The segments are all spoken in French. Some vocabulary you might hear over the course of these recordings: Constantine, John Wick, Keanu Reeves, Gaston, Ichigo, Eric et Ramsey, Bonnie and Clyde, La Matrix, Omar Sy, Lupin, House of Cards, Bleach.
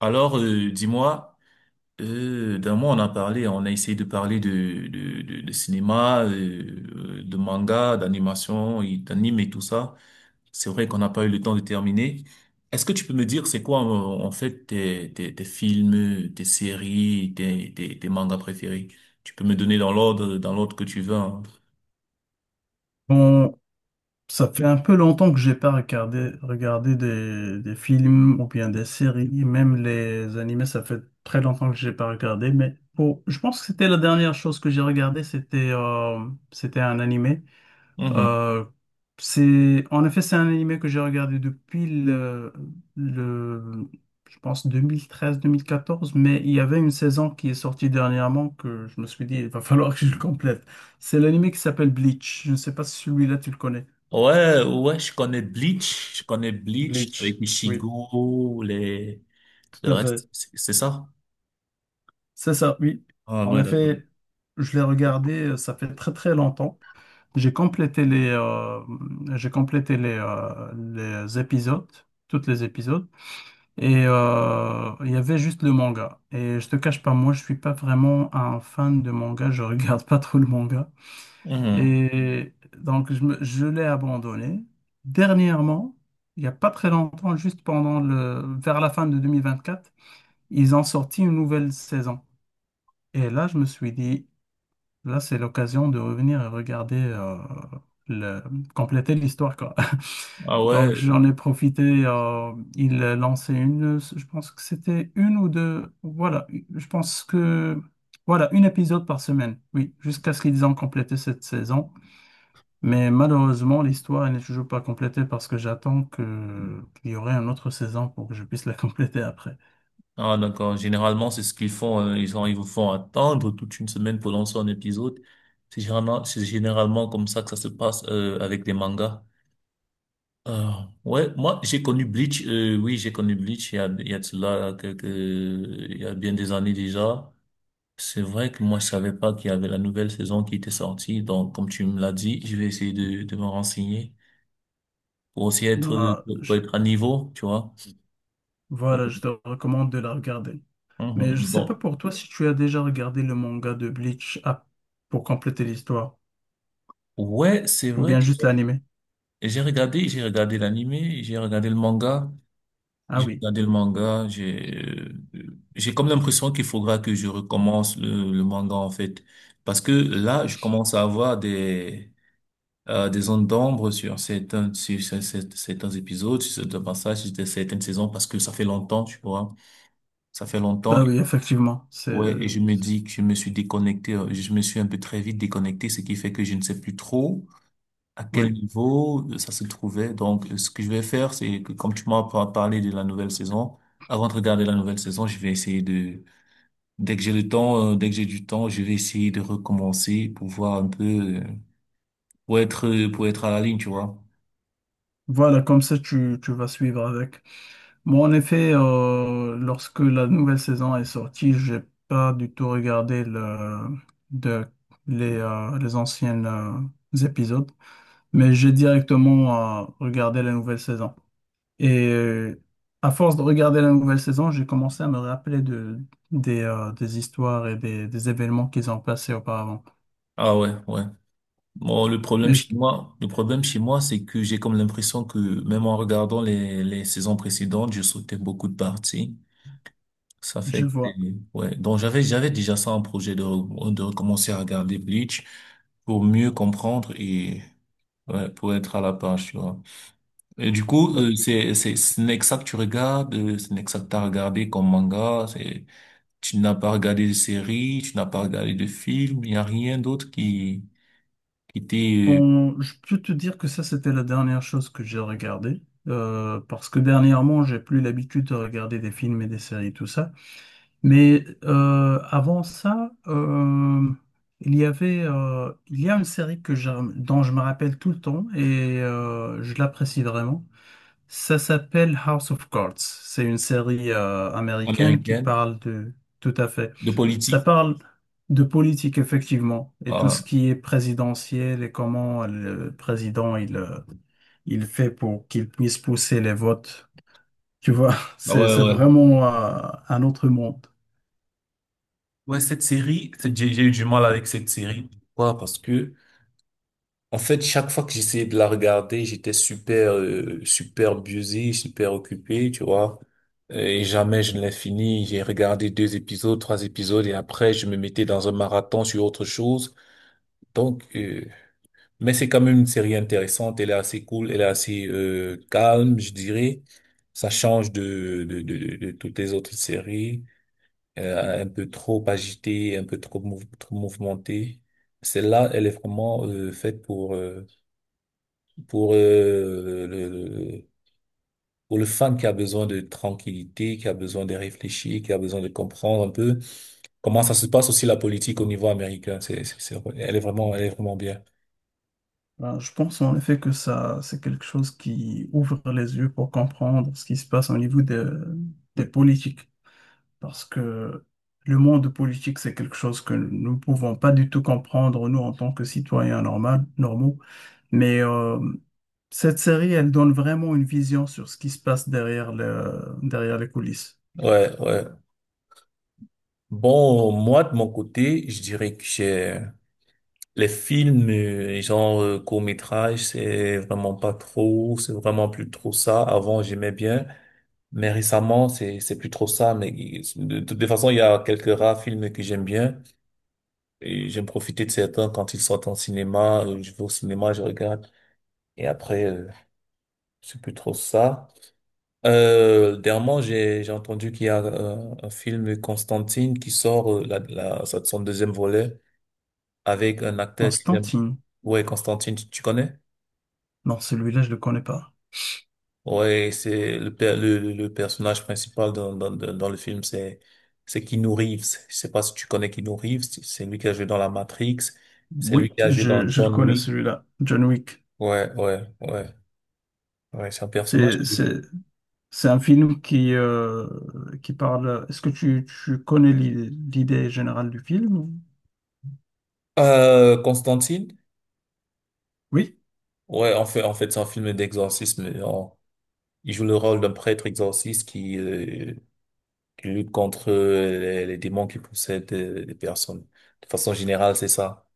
Alors, dis-moi, d'un mois on a parlé, on a essayé de parler de cinéma, de manga, d'animation, et d'anime et tout ça. C'est vrai qu'on n'a pas eu le temps de terminer. Est-ce que tu peux me dire c'est quoi en fait tes films, tes séries, tes mangas préférés? Tu peux me donner dans l'ordre que tu veux, hein. Bon, ça fait un peu longtemps que j'ai pas regardé des films ou bien des séries, même les animés, ça fait très longtemps que j'ai pas regardé, mais bon, je pense que c'était la dernière chose que j'ai regardée, c'était un animé. Mhm. Euh, c'est, en effet, c'est un animé que j'ai regardé depuis le, je pense deux mille treize 1014, mais il y avait une saison qui est sortie dernièrement que je me suis dit, il va falloir que je le complète. C'est l'animé qui s'appelle Bleach. Je ne sais pas si celui-là tu le connais. Ouais, ouais, je connais Bleach avec Bleach, oui, Ichigo, les, tout le à fait. reste, c'est ça? C'est ça, oui. Ah En ouais, d'accord. effet, je l'ai regardé, ça fait très très longtemps. J'ai complété les, euh, j'ai complété les épisodes, tous les épisodes, et il y avait juste le manga. Et je te cache pas, moi, je suis pas vraiment un fan de manga, je regarde pas trop le manga. Mhm. Et donc, je l'ai abandonné. Dernièrement, il y a pas très longtemps, juste vers la fin de 2024, ils ont sorti une nouvelle saison. Et là, je me suis dit, là, c'est l'occasion de revenir et regarder, le, compléter l'histoire, quoi. Ah Donc, ouais, j'en ai profité. Ils lançaient une, je pense que c'était une ou deux. Voilà, je pense que, voilà, une épisode par semaine. Oui, jusqu'à ce qu'ils ont complété cette saison. Mais malheureusement, l'histoire elle n'est toujours pas complétée parce que j'attends que qu'il y aurait une autre saison pour que je puisse la compléter après. ah d'accord. Généralement, c'est ce qu'ils font. Ils ont, ils vous font attendre toute une semaine pour lancer un épisode. C'est généralement comme ça que ça se passe avec des mangas. Euh, ouais, moi j'ai connu Bleach. Oui, j'ai connu Bleach. Il y a de cela quelques, il y a bien des années déjà. C'est vrai que moi je savais pas qu'il y avait la nouvelle saison qui était sortie. Donc comme tu me l'as dit, je vais essayer de me renseigner pour aussi être, Bah, pour être à niveau, tu vois. voilà, je Mhm. te recommande de la regarder. Mais je sais pas Bon. pour toi si tu as déjà regardé le manga de Bleach ah, pour compléter l'histoire, Ouais, c'est ou vrai. bien juste l'anime. Et j'ai regardé l'animé, j'ai regardé le manga, Ah j'ai oui, regardé le manga, j'ai comme l'impression qu'il faudra que je recommence le manga, en fait. Parce que là, je commence à avoir des zones d'ombre sur certains, sur certains épisodes, sur certains passages, sur certaines saisons, parce que ça fait longtemps, tu vois. Ça fait longtemps. bah oui, effectivement, Ouais, et je me dis que je c'est- me suis déconnecté, je me suis un peu très vite déconnecté, ce qui fait que je ne sais plus trop à quel oui, niveau ça se trouvait. Donc, ce que je vais faire, c'est que comme tu m'as parlé de la nouvelle saison, avant de regarder la nouvelle saison, je vais essayer de, dès que j'ai le temps, dès que j'ai du temps, je vais essayer de recommencer pour voir un peu, pour être à la ligne, tu vois. voilà, comme ça tu vas suivre avec. Moi, en effet, lorsque la nouvelle saison est sortie, j'ai pas du tout regardé de, les anciennes épisodes, mais j'ai directement regardé la nouvelle saison. Et à force de regarder la nouvelle saison, j'ai commencé à me rappeler de, des histoires et des événements qu'ils ont passés auparavant. Ah ouais, ouais. Bon, le problème Mais chez moi, le problème chez moi, c'est que j'ai comme l'impression que même en regardant les saisons précédentes, je sautais beaucoup de parties. Ça je fait que, vois. ouais. Donc, j'avais, j'avais déjà ça en projet de, de recommencer à regarder Bleach pour mieux comprendre et, ouais, pour être à la page, tu vois. Et du coup, Bah, c'est, ce n'est que ça que tu regardes, ce n'est que ça que t'as regardé comme manga, c'est, tu n'as pas regardé de série, tu n'as pas regardé de film, il n'y a rien d'autre qui était bon, je peux te dire que ça, c'était la dernière chose que j'ai regardée. Parce que dernièrement, j'ai plus l'habitude de regarder des films et des séries, tout ça. Mais avant ça, il y avait, il y a une série que j'ai dont je me rappelle tout le temps et je l'apprécie vraiment. Ça s'appelle House of Cards. C'est une série américaine qui américaine, parle de... Tout à fait. de Ça politique. parle de politique, effectivement, et tout Ah, ce qui est présidentiel et comment le président, il fait pour qu'il puisse pousser les votes. Tu vois, ah ouais, c'est ouais. vraiment un autre monde. Ouais, cette série, cette- j'ai eu du mal avec cette série. Pourquoi? Parce que, en fait, chaque fois que j'essayais de la regarder, j'étais super, super busy, super occupé, tu vois. Et jamais je ne l'ai fini. J'ai regardé deux épisodes, trois épisodes, et après, je me mettais dans un marathon sur autre chose. Donc, mais c'est quand même une série intéressante. Elle est assez cool, elle est assez calme, je dirais. Ça change de toutes les autres séries, un peu trop agitée, un peu trop, trop mouvementée. Celle-là, elle est vraiment faite pour le- pour le fan qui a besoin de tranquillité, qui a besoin de réfléchir, qui a besoin de comprendre un peu comment ça se passe aussi la politique au niveau américain. C'est- elle est vraiment bien. Ben, je pense en effet que ça, c'est quelque chose qui ouvre les yeux pour comprendre ce qui se passe au niveau des politiques, parce que le monde politique, c'est quelque chose que nous ne pouvons pas du tout comprendre, nous, en tant que citoyens normaux. Mais cette série, elle donne vraiment une vision sur ce qui se passe derrière derrière les coulisses. Ouais, ouais. Bon, moi, de mon côté, je dirais que j'ai les films, genre court-métrage, c'est vraiment pas trop, c'est vraiment plus trop ça. Avant, j'aimais bien, mais récemment, c'est plus trop ça. Mais de toute façon, il y a quelques rares films que j'aime bien. Et j'aime profiter de certains quand ils sortent en cinéma. Je vais au cinéma, je regarde. Et après, c'est plus trop ça. Dernièrement, j'ai entendu qu'il y a un film Constantine qui sort son deuxième volet avec un acteur que j'aime. Constantine. Ouais, Constantine, tu connais? Non, celui-là, je le connais pas. Ouais, c'est le, le personnage principal dans le film, c'est Keanu Reeves. Je sais pas si tu connais Keanu Reeves. C'est lui qui a joué dans La Matrix. C'est lui Oui, qui a joué dans je le John connais, Wick. celui-là. John Wick. Ouais, ouais, ouais. Ouais, c'est un personnage C'est, qui... c'est un film qui parle... Est-ce que tu connais l'idée générale du film? Ou... Constantine? Oui, Ouais, en fait, c'est un film d'exorcisme. En- il joue le rôle d'un prêtre exorciste qui lutte contre les démons qui possèdent les personnes. De façon générale, c'est ça.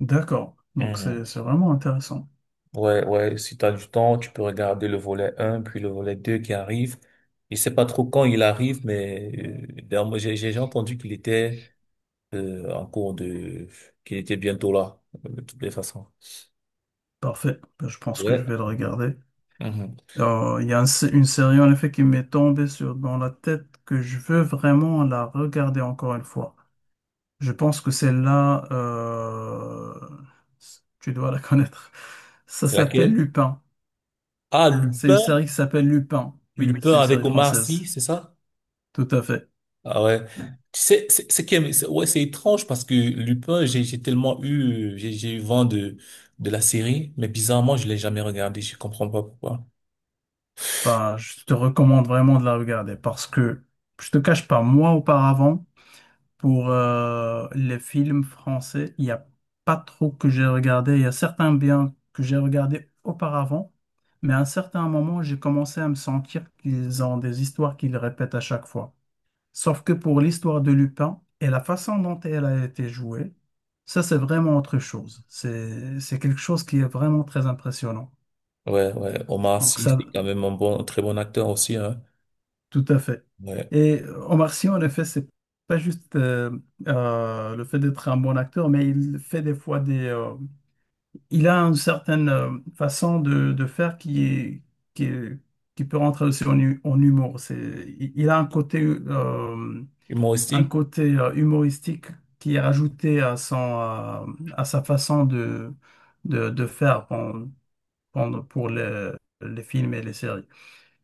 d'accord. Donc, Mhm. c'est vraiment intéressant. Ouais, ouais, si t'as du temps, tu peux regarder le volet un puis le volet 2 qui arrive. Je sais pas trop quand il arrive, mais d'ailleurs, moi, j'ai entendu qu'il était en cours de... qu'il était bientôt là, de toutes les façons. Parfait. Ben, je pense que je Ouais. vais le regarder. Mhm. Il y a une série en effet qui m'est tombée sur, dans la tête que je veux vraiment la regarder encore une fois. Je pense que celle-là, tu dois la connaître. Ça C'est s'appelle laquelle? Lupin. Ah, C'est une Lupin, série qui s'appelle Lupin. Oui, Lupin c'est une avec série Omar Sy, française. c'est ça? Tout à fait. Ah ouais. Tu sais, c'est quand même- c'est- ouais, c'est étrange parce que Lupin, j'ai tellement eu, j'ai eu vent de la série, mais bizarrement, je l'ai jamais regardé, je comprends pas pourquoi. Bah, je te recommande vraiment de la regarder parce que je te cache pas, moi auparavant, pour les films français, il n'y a pas trop que j'ai regardé. Il y a certains biens que j'ai regardés auparavant, mais à un certain moment, j'ai commencé à me sentir qu'ils ont des histoires qu'ils répètent à chaque fois. Sauf que pour l'histoire de Lupin et la façon dont elle a été jouée, ça c'est vraiment autre chose. C'est quelque chose qui est vraiment très impressionnant. Ouais, ouais, Omar Donc Sy, ça, c'est quand même un bon, un très bon acteur aussi, hein. tout à fait. Ouais. Et Omar Sy, en effet, c'est pas juste le fait d'être un bon acteur, mais il fait des fois des. Il a une certaine façon de faire qui est- qui peut rentrer aussi en, en humour. C'est, il a un Humoristique? côté humoristique qui est rajouté à son, à sa façon de faire pour les films et les séries.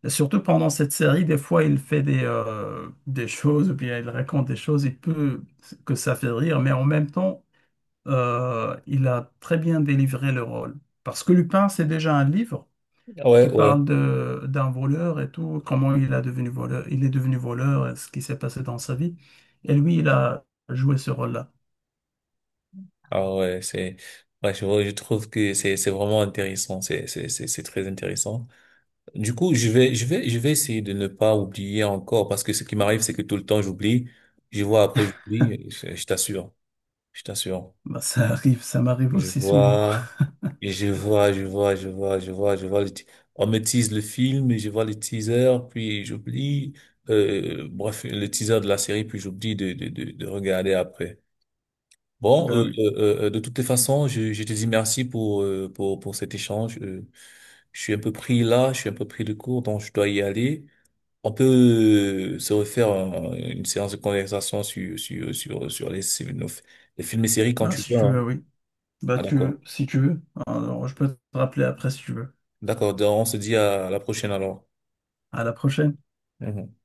Surtout pendant cette série, des fois, il fait des choses, ou bien il raconte des choses, il peut que ça fait rire, mais en même temps, il a très bien délivré le rôle. Parce que Lupin, c'est déjà un livre Ah, qui ouais, ouais. parle d'un voleur et tout, comment il a devenu voleur, il est devenu voleur, et ce qui s'est passé dans sa vie. Et lui, il a joué ce rôle-là. Ah ouais, c'est, ouais, je trouve que c'est vraiment intéressant, c'est très intéressant. Du coup, je vais essayer de ne pas oublier encore parce que ce qui m'arrive, c'est que tout le temps j'oublie. Je vois après j'oublie. Je t'assure, je t'assure. Bah, ça arrive, ça m'arrive Je aussi souvent. vois, et je vois. On me tease le film, et je vois le teaser, puis j'oublie. Bref, le teaser de la série, puis j'oublie de regarder après. Bon, Ben oui. De toutes les façons, je te dis merci pour cet échange. Je suis un peu pris là, je suis un peu pris de court, donc je dois y aller. On peut se refaire une séance de conversation sur les films et séries quand Ben, tu si veux, tu hein. veux, oui. Bah, Ah, tu d'accord. veux, si tu veux. Alors, je peux te rappeler après si tu veux. D'accord. Donc, on se dit à la prochaine alors. À la prochaine. Mhm.